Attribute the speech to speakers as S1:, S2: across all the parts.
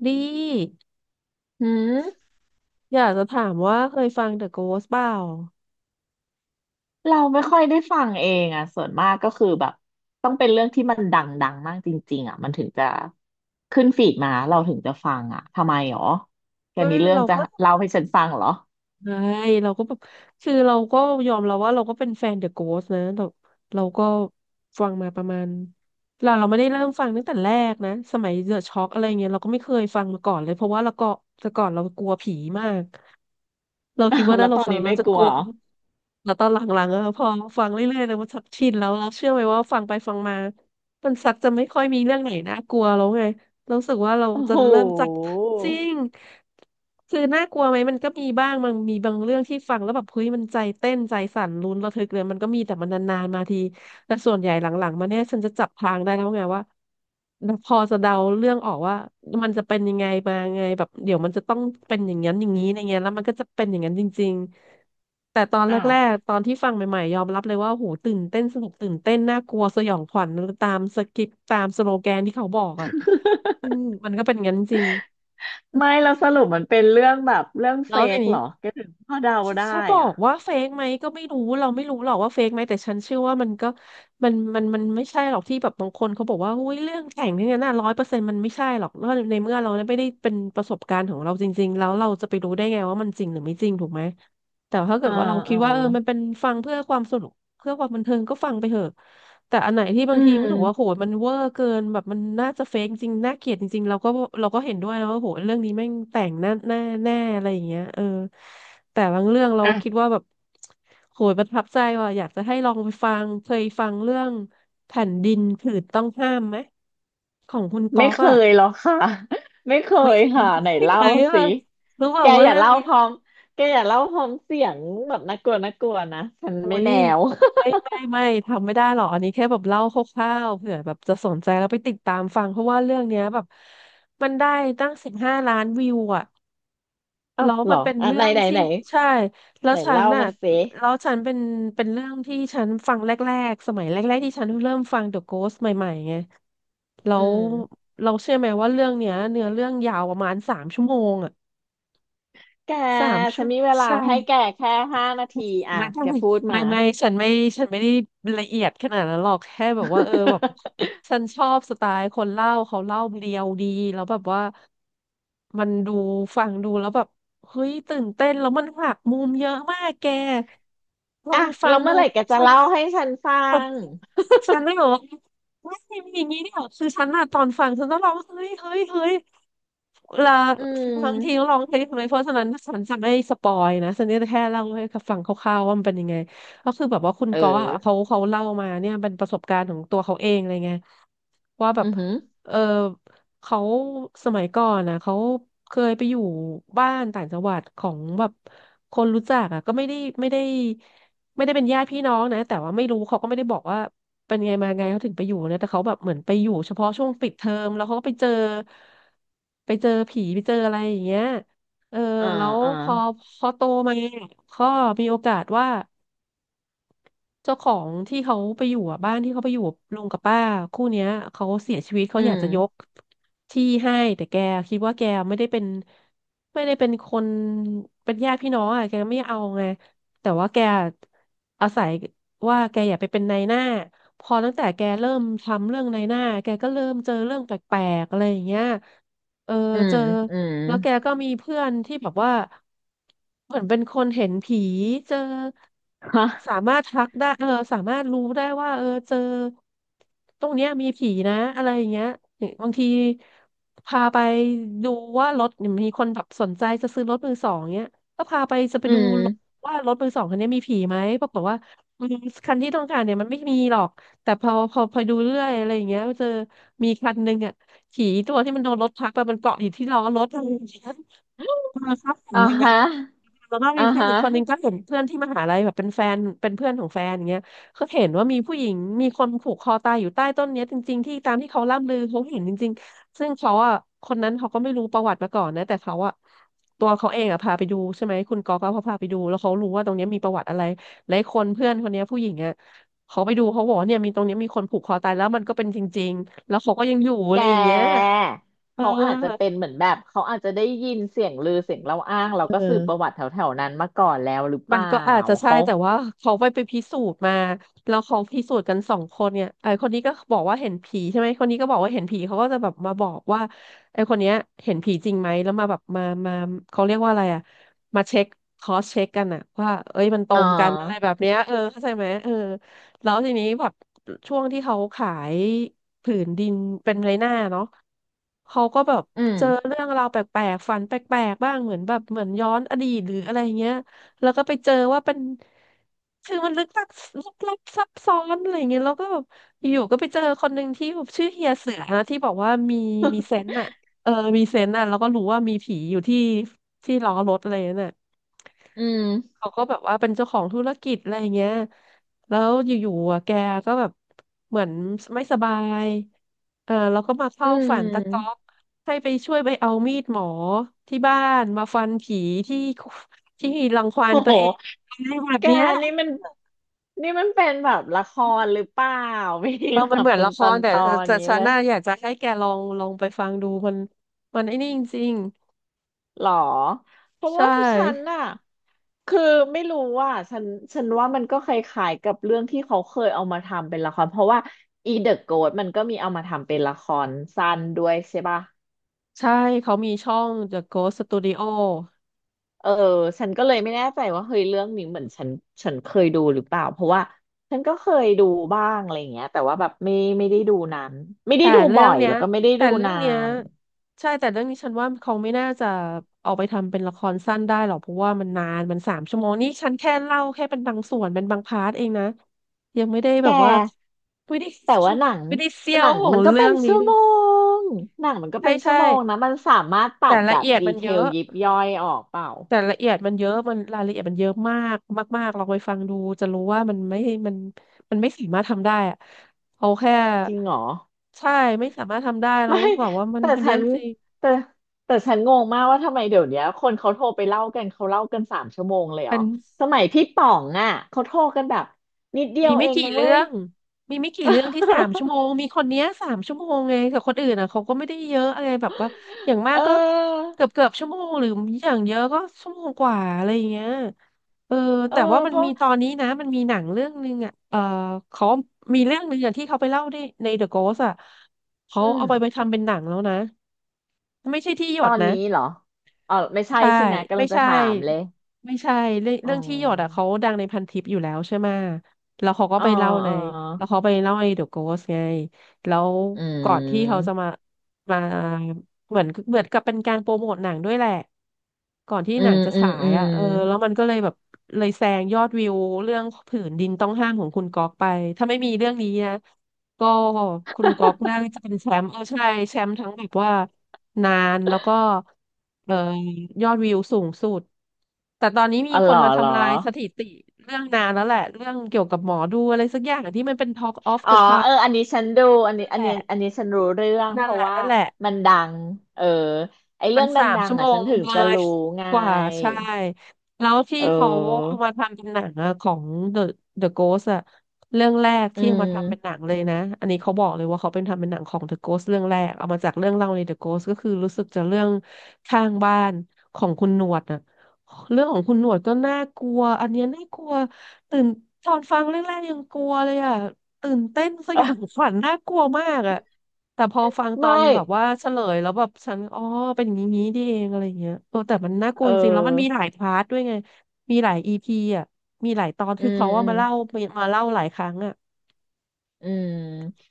S1: ดี
S2: หืม
S1: อยากจะถามว่าเคยฟัง The Ghost เปล่า
S2: เราไม่ค่อยได้ฟังเองอ่ะส่วนมากก็คือแบบต้องเป็นเรื่องที่มันดังๆมากจริงๆอ่ะมันถึงจะขึ้นฟีดมาเราถึงจะฟังอ่ะทำไมหรอแก
S1: เอ
S2: มีเรื่อง
S1: เรา
S2: จะ
S1: ก็
S2: เล่าให้ฉันฟังเหรอ
S1: ใช่เราก็แบบคือเราก็ยอมเราว่าเราก็เป็นแฟน The Ghost นะเราเราก็ฟังมาประมาณเราไม่ได้เริ่มฟังตั้งแต่แรกนะสมัย The Shock อะไรเงี้ยเราก็ไม่เคยฟังมาก่อนเลยเพราะว่าเราก็แต่ก่อนเรากลัวผีมาก เรา
S2: อ้า
S1: คิด
S2: ว
S1: ว่า
S2: แล้
S1: ถ้า
S2: ว
S1: เรา
S2: ตอน
S1: ฟัง
S2: นี้
S1: เรา
S2: ไม่
S1: จะ
S2: ก
S1: ก
S2: ลัว
S1: ลัว
S2: เหรอ
S1: แล้วตอนหลังๆอะพอฟังเรื่อยๆเลยมันชักชินแล้วเราเชื่อไหมว่าฟังไปฟังมามันซักจะไม่ค่อยมีเรื่องไหนน่ากลัวแล้วไงเรารู้สึกว่าเรา
S2: โอ้
S1: จะ
S2: โห
S1: เริ่มจากจริงคือน่ากลัวไหมมันก็มีบ้างมันมีบางเรื่องที่ฟังแล้วแบบเฮ้ยมันใจเต้นใจสั่นลุ้นระทึกเลยมันก็มีแต่มันนานๆมาที แต่ส่วนใหญ่หลังๆมาเนี่ยฉันจะจับทางได้แล้วไงว่าพอจะเดาเรื่องออกว่ามันจะเป็นยังไงมาไงแบบเดี๋ยวมันจะต้องเป็นอย่างนั้นอย่างนี้อย่างเงี้ยแล้วมันก็จะเป็นอย่างนั้นจริงๆแต่ตอนแร
S2: อ้าว
S1: กๆตอนที่ฟังใหม่ๆยอมรับเลยว่าโหตื่นเต้นสนุกตื่นเต้นน่ากลัวสยองขวัญตามสคริปต์ตามสโลแกนที่เขาบอกอ่ะซึ่งมันก็เป็นอย่างนั้นจริง
S2: ไม่เราสรุปมันเป็นเรื่องแบบเรื่องเฟ
S1: แล้วที
S2: กเห
S1: นี้
S2: รอแกถึงพอเดาได้
S1: จะบอ
S2: อ่ะ
S1: กว่าเฟกไหมก็ไม่รู้เราไม่รู้หรอกว่าเฟกไหมแต่ฉันเชื่อว่ามันก็มันไม่ใช่หรอกที่แบบบางคนเขาบอกว่าอุ้ยเรื่องแต่งเนี่ยนะร้อยเปอร์เซ็นต์มันไม่ใช่หรอกแล้วในเมื่อเราไม่ได้เป็นประสบการณ์ของเราจริงๆแล้วเราจะไปรู้ได้ไงว่ามันจริงหรือไม่จริงถูกไหมแต่ถ้าเกิ
S2: อ่า
S1: ดว่าเราคิด
S2: อ่า
S1: ว่าเออมันเป็นฟังเพื่อความสนุกเพื่อความบันเทิงก็ฟังไปเถอะ แต่อันไหนที่บา
S2: อื
S1: งที
S2: ม
S1: รู้สึกว่าโหมันเวอร์เกินแบบมันน่าจะเฟกจริงน่าเกลียดจริงๆเราก็เราก็เห็นด้วยนะว่าโหเรื่องนี้แม่งแต่งแน่แน่แน่อะไรอย่างเงี้ยเออแต่บางเรื่องเราคิด
S2: อ่ะ
S1: ว่าแบบโหประทับใจว่ะอยากจะให้ลองไปฟังเคยฟังเรื่องแผ่นดินผืนต้องห้ามไหมของคุณก๊
S2: ไม่
S1: อก
S2: เค
S1: อะ
S2: ยหรอกค่ะ ไม่เค
S1: ไม่
S2: ย
S1: ใช
S2: ค่ะไหน
S1: ่
S2: เล่า
S1: ไหมอะ
S2: สิ
S1: รู้เป
S2: แก
S1: ล่าว่า
S2: อย่า
S1: เรื่อง
S2: เล่า
S1: นี้
S2: พร้อมแกอย่าเล่าพร้อมเสียงแบบน่ากลัวน่ากลัวนะฉัน
S1: โอ้
S2: ไม่
S1: ย
S2: แนว
S1: ไม่ ไม่ไม่ทำไม่ได้หรอกอันนี้แค่แบบเล่าคร่าวๆเผื่อแบบจะสนใจแล้วไปติดตามฟังเพราะว่าเรื่องเนี้ยแบบมันได้ตั้ง15 ล้านวิวอ่ะ
S2: อ้า
S1: แล้
S2: ว
S1: ว
S2: เหร
S1: มั
S2: อ
S1: นเป็น
S2: อ่ะ
S1: เรื่
S2: ไหน
S1: อง
S2: ไหน
S1: ที่
S2: ไหน
S1: ใช่แล้ว
S2: ไหน
S1: ฉัน
S2: เล่า
S1: น่ะ
S2: มาสิ
S1: แล้วฉันเป็นเป็นเรื่องที่ฉันฟังแรกๆสมัยแรกๆที่ฉันเริ่มฟัง The Ghost ใหม่ๆไงแล้
S2: อื
S1: ว
S2: ม
S1: เราเชื่อไหมว่าเรื่องเนี้ยเนื้อเรื่องยาวประมาณสามชั่วโมงอ่ะ
S2: แก
S1: สาม
S2: ฉั
S1: ชั่ว
S2: น
S1: โม
S2: มี
S1: ง
S2: เวลา
S1: ใช่
S2: ให้แกแค่5 นาทีอ่ะ
S1: ไม่ไม่
S2: แก
S1: ไม
S2: พูด
S1: ่
S2: มา
S1: ไม่ฉันไม่ฉันไม่ได้ละเอียดขนาดนั้นหรอกแค่แบบว่าเออแบบ ฉันชอบสไตล์คนเล่าเขาเล่าเรียวดีแล้วแบบว่ามันดูฟังดูแล้วแบบเฮ้ยตื่นเต้นแล้วมันหักมุมเยอะมากแกลอ
S2: อ่ะ
S1: งฟั
S2: แล้
S1: ง
S2: ว
S1: ดู
S2: เมื่อไหร่แกจะเล่าให้ฉันฟั
S1: ฉัน
S2: ง
S1: ฉันเลยบอกว่าไม่มีอย่างนี้เนี่ยคือฉันอะตอนฟังฉันก็ร้องเฮ้ยเฮ้ยเฮ้ยเวลา
S2: อื
S1: ฟังทีก็
S2: ม
S1: ร้องเพลงทำไมเพราะฉะนั้นฉันจะไม่สปอยนะฉันจะแค่เล่าให้ฟังคร่าวๆว่ามันเป็นยังไงก็คือแบบว่าคุณ
S2: เออ
S1: ก๊อฟอะเขาเล่ามาเนี่ยเป็นประสบการณ์ของตัวเขาเองอะไรเงี้ยว่าแบบ
S2: อือหือ
S1: เออเขาสมัยก่อนนะเขาเคยไปอยู่บ้านต่างจังหวัดของแบบคนรู้จักอ่ะก็ไม่ได้ ไม่ได้เป็นญาติพี่น้องนะแต่ว่าไม่รู้เขาก็ไม่ได้บอกว่าเป็นไงมาไงเขาถึงไปอยู่นะแต่เขาแบบเหมือนไปอยู่เฉพาะช่วงปิดเทอมแล้วเขาก็ไปเจอไปเจอผีไปเจออะไรอย่างเงี้ยเออ
S2: อ่า
S1: แล้ว
S2: อ่า
S1: พอพอโตมาก็มีโอกาสว่า เจ้าของที่เขาไปอยู่อ่ะบ้านที่เขาไปอยู่ลุงกับป้าคู่เนี้ยเขาเสียชีวิตเขา
S2: อื
S1: อยากจะยก
S2: ม
S1: ที่ให้แต่แกคิดว่าแกไม่ได้เป็นไม่ได้เป็นญาติพี่น้องอ่ะแกไม่เอาไงแต่ว่าแกอาศัยว่าแกอยากไปเป็นนายหน้าพอตั้งแต่แกเริ่มทำเรื่องนายหน้าแกก็เริ่มเจอเรื่องแปลกๆอะไรอย่างเงี้ย เออ
S2: อื
S1: เจ
S2: ม
S1: อ
S2: อืม
S1: แล้วแกก็มีเพื่อนที่แบบว่าเหมือนเป็นคนเห็นผีเจอ
S2: ฮะ
S1: สามารถทักได้เออสามารถรู้ได้ว่าเออเจอตรงเนี้ยมีผีนะอะไรอย่างเงี้ยบางทีพาไปดูว่ารถเนี่ยมีคนแบบสนใจจะซื้อรถมือสองเนี้ยก็พาไปจะไป
S2: อื
S1: ดู
S2: ม
S1: รถว่ารถมือสองคันนี้มีผีไหมปรากฏว่าอืมคันที่ต้องการเนี่ยมันไม่มีหรอกแต่พอดูเรื่อยอะไรอย่างเงี้ยเจอมีคันหนึ่งอ่ะ ผีตัวที่มันโดนรถทับอะมันเกาะอยู่ที่ล้อรถอะไรอย่างเงี้ยเออครับเห็
S2: อ่า
S1: นอย่างนั้
S2: ฮะ
S1: นแล้วก็มี
S2: อ่า
S1: เพื่อน
S2: ฮะ
S1: อีกคนนึงก็เห็นเพื่อนที่มหาลัยแบบเป็นแฟนเป็นเพื่อนของแฟนอย่างเงี้ยก็เห็นว่ามีผู้หญิงมีคนผูกคอตายอยู่ใต้ต้นเนี้ยจริงๆที่ตามที่เขาล่ำลือเขาเห็นจริงๆซึ่งเขาอ่ะคนนั้นเขาก็ไม่รู้ประวัติมาก่อนนะแต่เขาอ่ะตัวเขาเองอ่ะพาไปดูใช่ไหมคุณกอก็พาไปดูแล้วเขารู้ว่าตรงเนี้ยมีประวัติอะไรหลายคนเพื่อนคนเนี้ยผู้หญิงอ่ะเขาไปดูเขาบอกว่าเนี่ยมีตรงเนี้ยมีคนผูกคอตายแล้วมันก็เป็นจริงๆแล้วเขาก็ยังอยู่อะ
S2: แ
S1: ไรอย่างเงี้ย
S2: ก
S1: เออ
S2: เขาอาจจะเป็นเหมือนแบบเขาอาจจะได้ยินเสียงลือเสียงเล่าอ้างเราก็
S1: เอ
S2: สืบประ
S1: อ
S2: วัติแถวๆนั้นมาก่อนแล้วหรือเป
S1: มัน
S2: ล่า
S1: ก็อาจจะใช่
S2: เขา
S1: แต่ว่าเขาไปพิสูจน์มาแล้วเขาพิสูจน์กันสองคนเนี่ยไอคนนี้ก็บอกว่าเห็นผีใช่ไหมคนนี้ก็บอกว่าเห็นผีเขาก็จะแบบมาบอกว่าไอคนเนี้ยเห็นผีจริงไหมแล้วมาแบบมาเขาเรียกว่าอะไรอ่ะมาเช็คคอสเช็คกันอ่ะว่าเอ้ยมันตร
S2: อ่
S1: งกันอะไรแบ
S2: า
S1: บเนี้ยเออเข้าใจไหมเออแล้วทีนี้แบบช่วงที่เขาขายผืนดินเป็นไรหน้าเนาะเขาก็แบบ
S2: อืม
S1: เจอเรื่องราวแปลกๆฝันแปลกๆบ้างเหมือนแบบเหมือนย้อนอดีตหรืออะไรเงี้ย แล้วก็ไปเจอว่าเป็นคือมันลึกลับลึกลับซับซ้อนอะไรอย่างเงี้ยแล้วก็แบบอยู่ๆก็ไปเจอคนหนึ่งที่แบบชื่อเฮียเสือนะที่บอกว่ามีเซนต์อ่ะเออมีเซนต์อ่ะแล้วก็รู้ว่ามีผีอยู่ที่ล้อรถอะไรนั่นน่ะ
S2: อืม
S1: เขาก็แบบว่าเป็นเจ้าของธุรกิจอะไรอย่างเงี้ยแล้วอยู่ๆอ่ะแกก็แบบเหมือนไม่สบายเออแล้วก็มา
S2: อื
S1: เข้าฝันตะก๊อก
S2: ม
S1: ให้ไปช่วยไปเอามีดหมอที่บ้านมาฟันผีที่ ที่รังควา น
S2: โอ้
S1: ตั
S2: โห
S1: วเองอะไรแบบ
S2: แก
S1: เนี้ย
S2: นี่มันเป็นแบบละครหรือเปล่า ไม่ได้
S1: เรามั
S2: แบ
S1: น
S2: บ
S1: เหมือน
S2: เป็น
S1: ละค
S2: ตอ
S1: รแต่
S2: นๆอ
S1: แต่
S2: ย่างนี้
S1: ฉัน
S2: เลย
S1: น่าอยากจะให้แกลองไปฟังดูมันมันไอ้นี่จริง
S2: หรอเพ
S1: ๆ
S2: ราะ
S1: ใช่
S2: ว่าฉันน่ะคือไม่รู้ว่าฉันว่ามันก็คล้ายๆกับเรื่องที่เขาเคยเอามาทำเป็นละครเพราะว่าอีเดอะโกสมันก็มีเอามาทำเป็นละครสั้นด้วยใช่ป่ะ
S1: ใช่เขามีช่อง The Ghost Studio
S2: เออฉันก็เลยไม่แน่ใจว่าเฮ้ยเรื่องนี้เหมือนฉันเคยดูหรือเปล่าเพราะว่าฉันก็เคยดูบ้างอะไรอย่างเงี้ยแต่ว่าแบบไม่ได้ดูนานไม่ได้
S1: แต่
S2: ดู
S1: เรื่
S2: บ่
S1: อ
S2: อ
S1: ง
S2: ย
S1: เนี้ย
S2: แล้วก็ไม่ได้
S1: แต่
S2: ดู
S1: เรื่อ
S2: นา
S1: งเนี้ย
S2: น
S1: ใช่แต่เรื่องนี้ฉันว่าเขาไม่น่าจะเอาไปทำเป็นละครสั้นได้หรอกเพราะว่ามันนานมันสามชั่วโมงนี่ฉันแค่เล่าแค่เป็นบางส่วนเป็นบางพาร์ทเองนะยังไม่ได้แบ
S2: แก
S1: บว่าไม่ได้
S2: แต่ว่าหนัง
S1: ไม่ได้เซียวของ
S2: มันก็
S1: เรื่
S2: เป็
S1: อ
S2: น
S1: งนี้
S2: ชั่ว
S1: เลย
S2: โมงหนังมันก็
S1: ใช่
S2: เป็นชั่
S1: ใช่
S2: วโมงนะมันสามารถตั
S1: แต่
S2: ด
S1: ละ
S2: แบบ
S1: เอียด
S2: ดี
S1: มัน
S2: เท
S1: เย
S2: ล
S1: อะ
S2: ยิบย่อยออกเปล่า
S1: แต่ละเอียดมันเยอะมันรายละเอียดมันเยอะมากมากๆลองไปฟังดูจะรู้ว่ามันมันไม่สามารถทำได้อะเอาแค่
S2: จริงเหรอ
S1: ใช่ไม่สามารถทำได้แล้ว
S2: ไม่
S1: บอกว่ามัน
S2: แต่
S1: มันเย
S2: ฉั
S1: อะ
S2: น
S1: จริง
S2: แต่แต่ฉันงงมากว่าทำไมเดี๋ยวเนี้ยคนเขาโทรไปเล่ากันเขาเล่ากัน3 ชั่วโมงเลย
S1: ๆ
S2: เหร
S1: เน
S2: อสมัยพี่ป๋องอ่ะเขาโทรกันแบบนิดเดีย
S1: มี
S2: ว
S1: ไม่
S2: เอง
S1: กี่
S2: นะ
S1: เรื่
S2: เว้
S1: อ
S2: ย
S1: ง มีไม่กี่เรื่องที่สามชั่วโมงมีคนเนี้ยสามชั่วโมงไงแต่คนอื่นอ่ะเขาก็ไม่ได้เยอะอะไรแบบว่าอย่าง มาก
S2: เ
S1: ก็
S2: ออ
S1: เกือบชั่วโมงหรืออย่างเยอะก็ชั่วโมงกว่าอะไรอย่างเงี้ยเออ
S2: เออ
S1: แต่ว่ามั
S2: เพ
S1: น
S2: ราะ
S1: มีตอนนี้นะมันมีหนังเรื่องนึงอ่ะเออเขามีเรื่องนึงอย่างที่เขาไปเล่าใน The Ghost อ่ะเขา
S2: อืม
S1: เอาไปทำเป็นหนังแล้วนะไม่ใช่ที่หย
S2: ตอ
S1: ด
S2: น
S1: นะ
S2: นี้เหรออ๋อไม่ใช่
S1: ใช่
S2: ใช่ไหมกำ
S1: ไม่
S2: ลังจะ
S1: ใช่
S2: ถามเลย
S1: ไม่ใช่
S2: อ๋
S1: เรื่องที่หยดอ่ะ
S2: อ
S1: เขาดังในพันทิปอยู่แล้วใช่ไหมแล้วเขาก็
S2: อ๋อ
S1: ไปเล่าใน
S2: อ๋อ
S1: แล้วเขาไปเล่าในเดอะโกสไงแล้ว
S2: อื
S1: ก่อนที่เขาจะ
S2: ม
S1: มาเหมือนเหมือนกับเป็นการโปรโมทหนังด้วยแหละ ก่อนที่
S2: อื
S1: หนั
S2: ม
S1: งจะ
S2: อืม
S1: ฉา
S2: อื
S1: ย
S2: ม
S1: อ่ะเออแล้วมันก็เลยแซงยอดวิวเรื่องผืนดินต้องห้ามของคุณก๊อกไป ถ้าไม่มีเรื่องนี้นะก็คุณก๊อกน่าจะเป็นแชมป์เออใช่ แชมป์ทั้งแบบว่านานแล้วก็เออยอดวิวสูงสุด แต่ตอนนี้มี
S2: อ๋อ
S1: ค
S2: เหร
S1: น
S2: อ
S1: มา
S2: เหรอ
S1: ทำลายสถิติเรื่องนานแล้วแหละเรื่องเกี่ยวกับหมอดูอะไรสักอย่างที่มันเป็น Talk of
S2: อ๋อ
S1: the
S2: เอ
S1: Town
S2: ออันนี้ฉันดู
S1: นั่นแหละ
S2: อันนี้ฉันรู้เรื่องเพ
S1: นั่นแห
S2: ราะ
S1: ละ
S2: ว่า
S1: นั่นแหละ
S2: มันดังเออไอ
S1: มั
S2: เรื่
S1: น
S2: องด
S1: สาม
S2: ัง
S1: ชั่
S2: ๆ
S1: วโม
S2: อ่ะฉั
S1: ง
S2: นถึง
S1: เล
S2: จะ
S1: ย
S2: รู้ไง
S1: กว่าใช่แล้วที่
S2: เอ
S1: เขา
S2: อ
S1: เอามาทำเป็นหนังอะของ The The Ghost อะเรื่องแรก
S2: อื
S1: ที่เอามาทำเป็นหนั
S2: ม
S1: งเลยนะอันนี้เขาบอกเลยว่าเขาเป็นทำเป็นหนังของ The Ghost เรื่องแรกเอามาจากเรื่องเล่าใน The Ghost ก็คือรู้สึกจะเรื่องข้างบ้านของคุณหนวดอะเรื่องของคุณหนวดก็น่ากลัวอันเนี้ยน่ากลัวตื่นตอนฟังแรกๆยังกลัวเลยอะตื่นเต้นสยองขวัญน่ากลัวมากอะ แต่พอฟังตอ
S2: ไม่
S1: นแบบว่าเฉลยแล้วแบบฉันอ๋อเป็นอย่างนี้นี่เองอะไรอย่างเงี้ยเออแต่มันน่าก
S2: เ
S1: ลัวจริงๆแล้วมันมี
S2: ออ
S1: หลายพาร์ทด้วยไงมีหลายอีพีอ่ะมีหลายตอน
S2: อื
S1: คือ
S2: ม
S1: เขาว่า
S2: อืม
S1: มาเล่าหลายครั้งอ่ะ
S2: อืม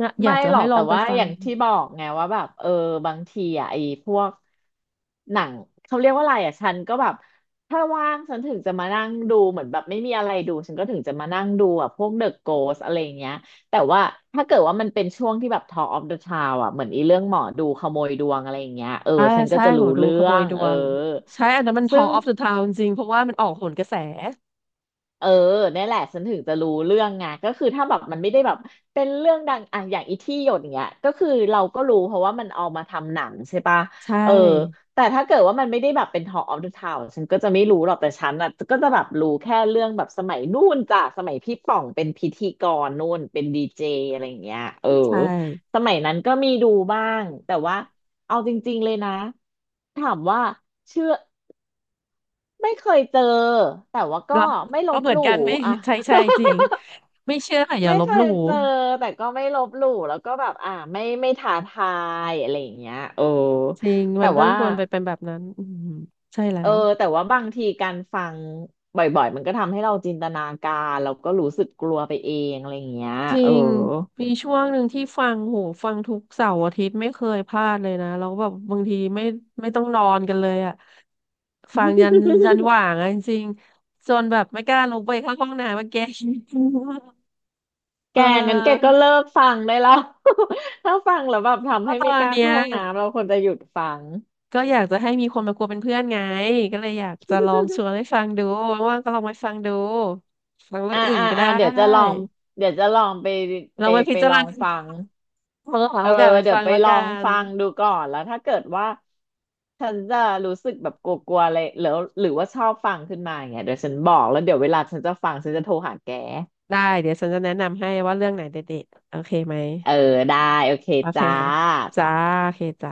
S1: นะอยา
S2: ไม่
S1: กจะ
S2: หรอ
S1: ให้
S2: ก
S1: ลอ
S2: แต่
S1: งไป
S2: ว่า
S1: ฟั
S2: อ
S1: ง
S2: ย่างที่บอกไงว่าแบบเออบางทีอ่ะไอ้พวกหนังเขาเรียกว่าอะไรอ่ะฉันก็แบบถ้าว่างฉันถึงจะมานั่งดูเหมือนแบบไม่มีอะไรดูฉันก็ถึงจะมานั่งดูอ่ะพวก The Ghost อะไรเงี้ยแต่ว่าถ้าเกิดว่ามันเป็นช่วงที่แบบ Talk of the Town อ่ะเหมือนอีเรื่องหมอดูขโมยดวงอะไรอย่างเงี้ยเออ
S1: อ่า
S2: ฉันก็
S1: ใช่
S2: จะ
S1: หม
S2: รู้
S1: อดู
S2: เรื่
S1: ข
S2: อ
S1: โมย
S2: ง
S1: ด
S2: เอ
S1: ว
S2: อ
S1: งใช่อันนั้นมัน
S2: ซึ่
S1: Talk
S2: ง
S1: of the Town จริงๆเพราะว่ามันออกโหนกระแส
S2: เออเนี่ยแหละฉันถึงจะรู้เรื่องไงก็คือถ้าแบบมันไม่ได้แบบเป็นเรื่องดังอ่ะอย่างอีที่หยดเนี้ยก็คือเราก็รู้เพราะว่ามันเอามาทำหนังใช่ปะ
S1: ใช
S2: เออ
S1: ่
S2: แต่ถ้าเกิดว่ามันไม่ได้แบบเป็น Talk of the Town ฉันก็จะไม่รู้หรอกแต่ฉันอ่ะก็จะแบบรู้แค่เรื่องแบบสมัยนู่นจ้ะสมัยพี่ป่องเป็นพิธีกรนู่นเป็นดีเจอะไรอย่างเงี้ยเออ
S1: ใช่
S2: สมัยนั้นก็มีดูบ้างแต่ว่าเอาจริงๆเลยนะถามว่าเชื่อ ไม่เคยเจอแต่ว่าก็
S1: เรา
S2: ไม่ ล
S1: ก็
S2: บ
S1: เหมื
S2: ห
S1: อน
S2: ลู่
S1: กันไม่
S2: อะ
S1: ใช่ใช่จริง ไม่เชื่ออย่า
S2: ไม่
S1: ลบ
S2: เค
S1: ห
S2: ย
S1: ลู่
S2: เจอแต่ก็ไม่ลบหลู่แล้วก็แบบอ่าไม่ท้าทายอะไรอย่างเงี้ยโอ้
S1: จริงมั
S2: แต่
S1: นต้อง
S2: ว่า
S1: ควรไปเป็นแบบนั้นอืมใช่แล้
S2: เออ
S1: ว
S2: แต่ว่าบางทีการฟังบ่อยๆมันก็ทำให้เราจินตนาการแล้วก็รู้สึกกลัวไปเองอะไรอย่างเงี้ย
S1: จริ
S2: เออ
S1: ง มีช่วงหนึ่งที่ฟังโหฟังทุกเสาร์อาทิตย์ไม่เคยพลาดเลยนะแล้วแบบบางทีไม่ต้องนอนกันเลยอะฟังยันหว่างอะจริงๆจนแบบไม่กล้าลงไปเข้าห้องน้ำมาแก เ
S2: แกงั้นแก
S1: ออ
S2: ก็เลิกฟังได้แล้ว ถ้าฟังแล้วแบบ
S1: เพ
S2: ทำให้
S1: ราะตอ
S2: ไม่ก
S1: น
S2: ล้า
S1: เนี้
S2: เข้า
S1: ย
S2: ห้องน้ำเราควรจะหยุดฟัง
S1: ก็อยากจะให้มีคนมากลัวเป็นเพื่อนไง ก็เลยอยากจะลองชวนให้ฟังดูว่างๆก็ลองไปฟังดูฟังเรื่อ
S2: อ่า
S1: งอื่น
S2: อ่า
S1: ก็
S2: อ่า
S1: ได้
S2: เดี๋ยวจะลองเดี๋ยวจะลองไป
S1: ล
S2: ไป
S1: องไปพิจา
S2: ล
S1: ร
S2: อ
S1: ณ
S2: งฟัง
S1: า ลองหา
S2: เอ
S1: โอ
S2: อ
S1: กาสไป
S2: เดี๋ย
S1: ฟั
S2: ว
S1: ง
S2: ไป
S1: ละ
S2: ลอ
S1: กั
S2: ง
S1: น
S2: ฟังดูก่อนแล้วถ้าเกิดว่าฉันจะรู้สึกแบบกลัวๆอะไรหรือว่าชอบฟังขึ้นมาอย่างเงี้ยเดี๋ยวฉันบอกแล้วเดี๋ยวเวลาฉันจะฟังฉันจะโทรหาแก
S1: ได้เดี๋ยวฉันจะแนะนำให้ว่าเรื่องไหนเด็ดๆโอเคไหม
S2: เออได้โอเค
S1: โอเค
S2: จ้า
S1: จ้า
S2: ตา
S1: โอเคจ้า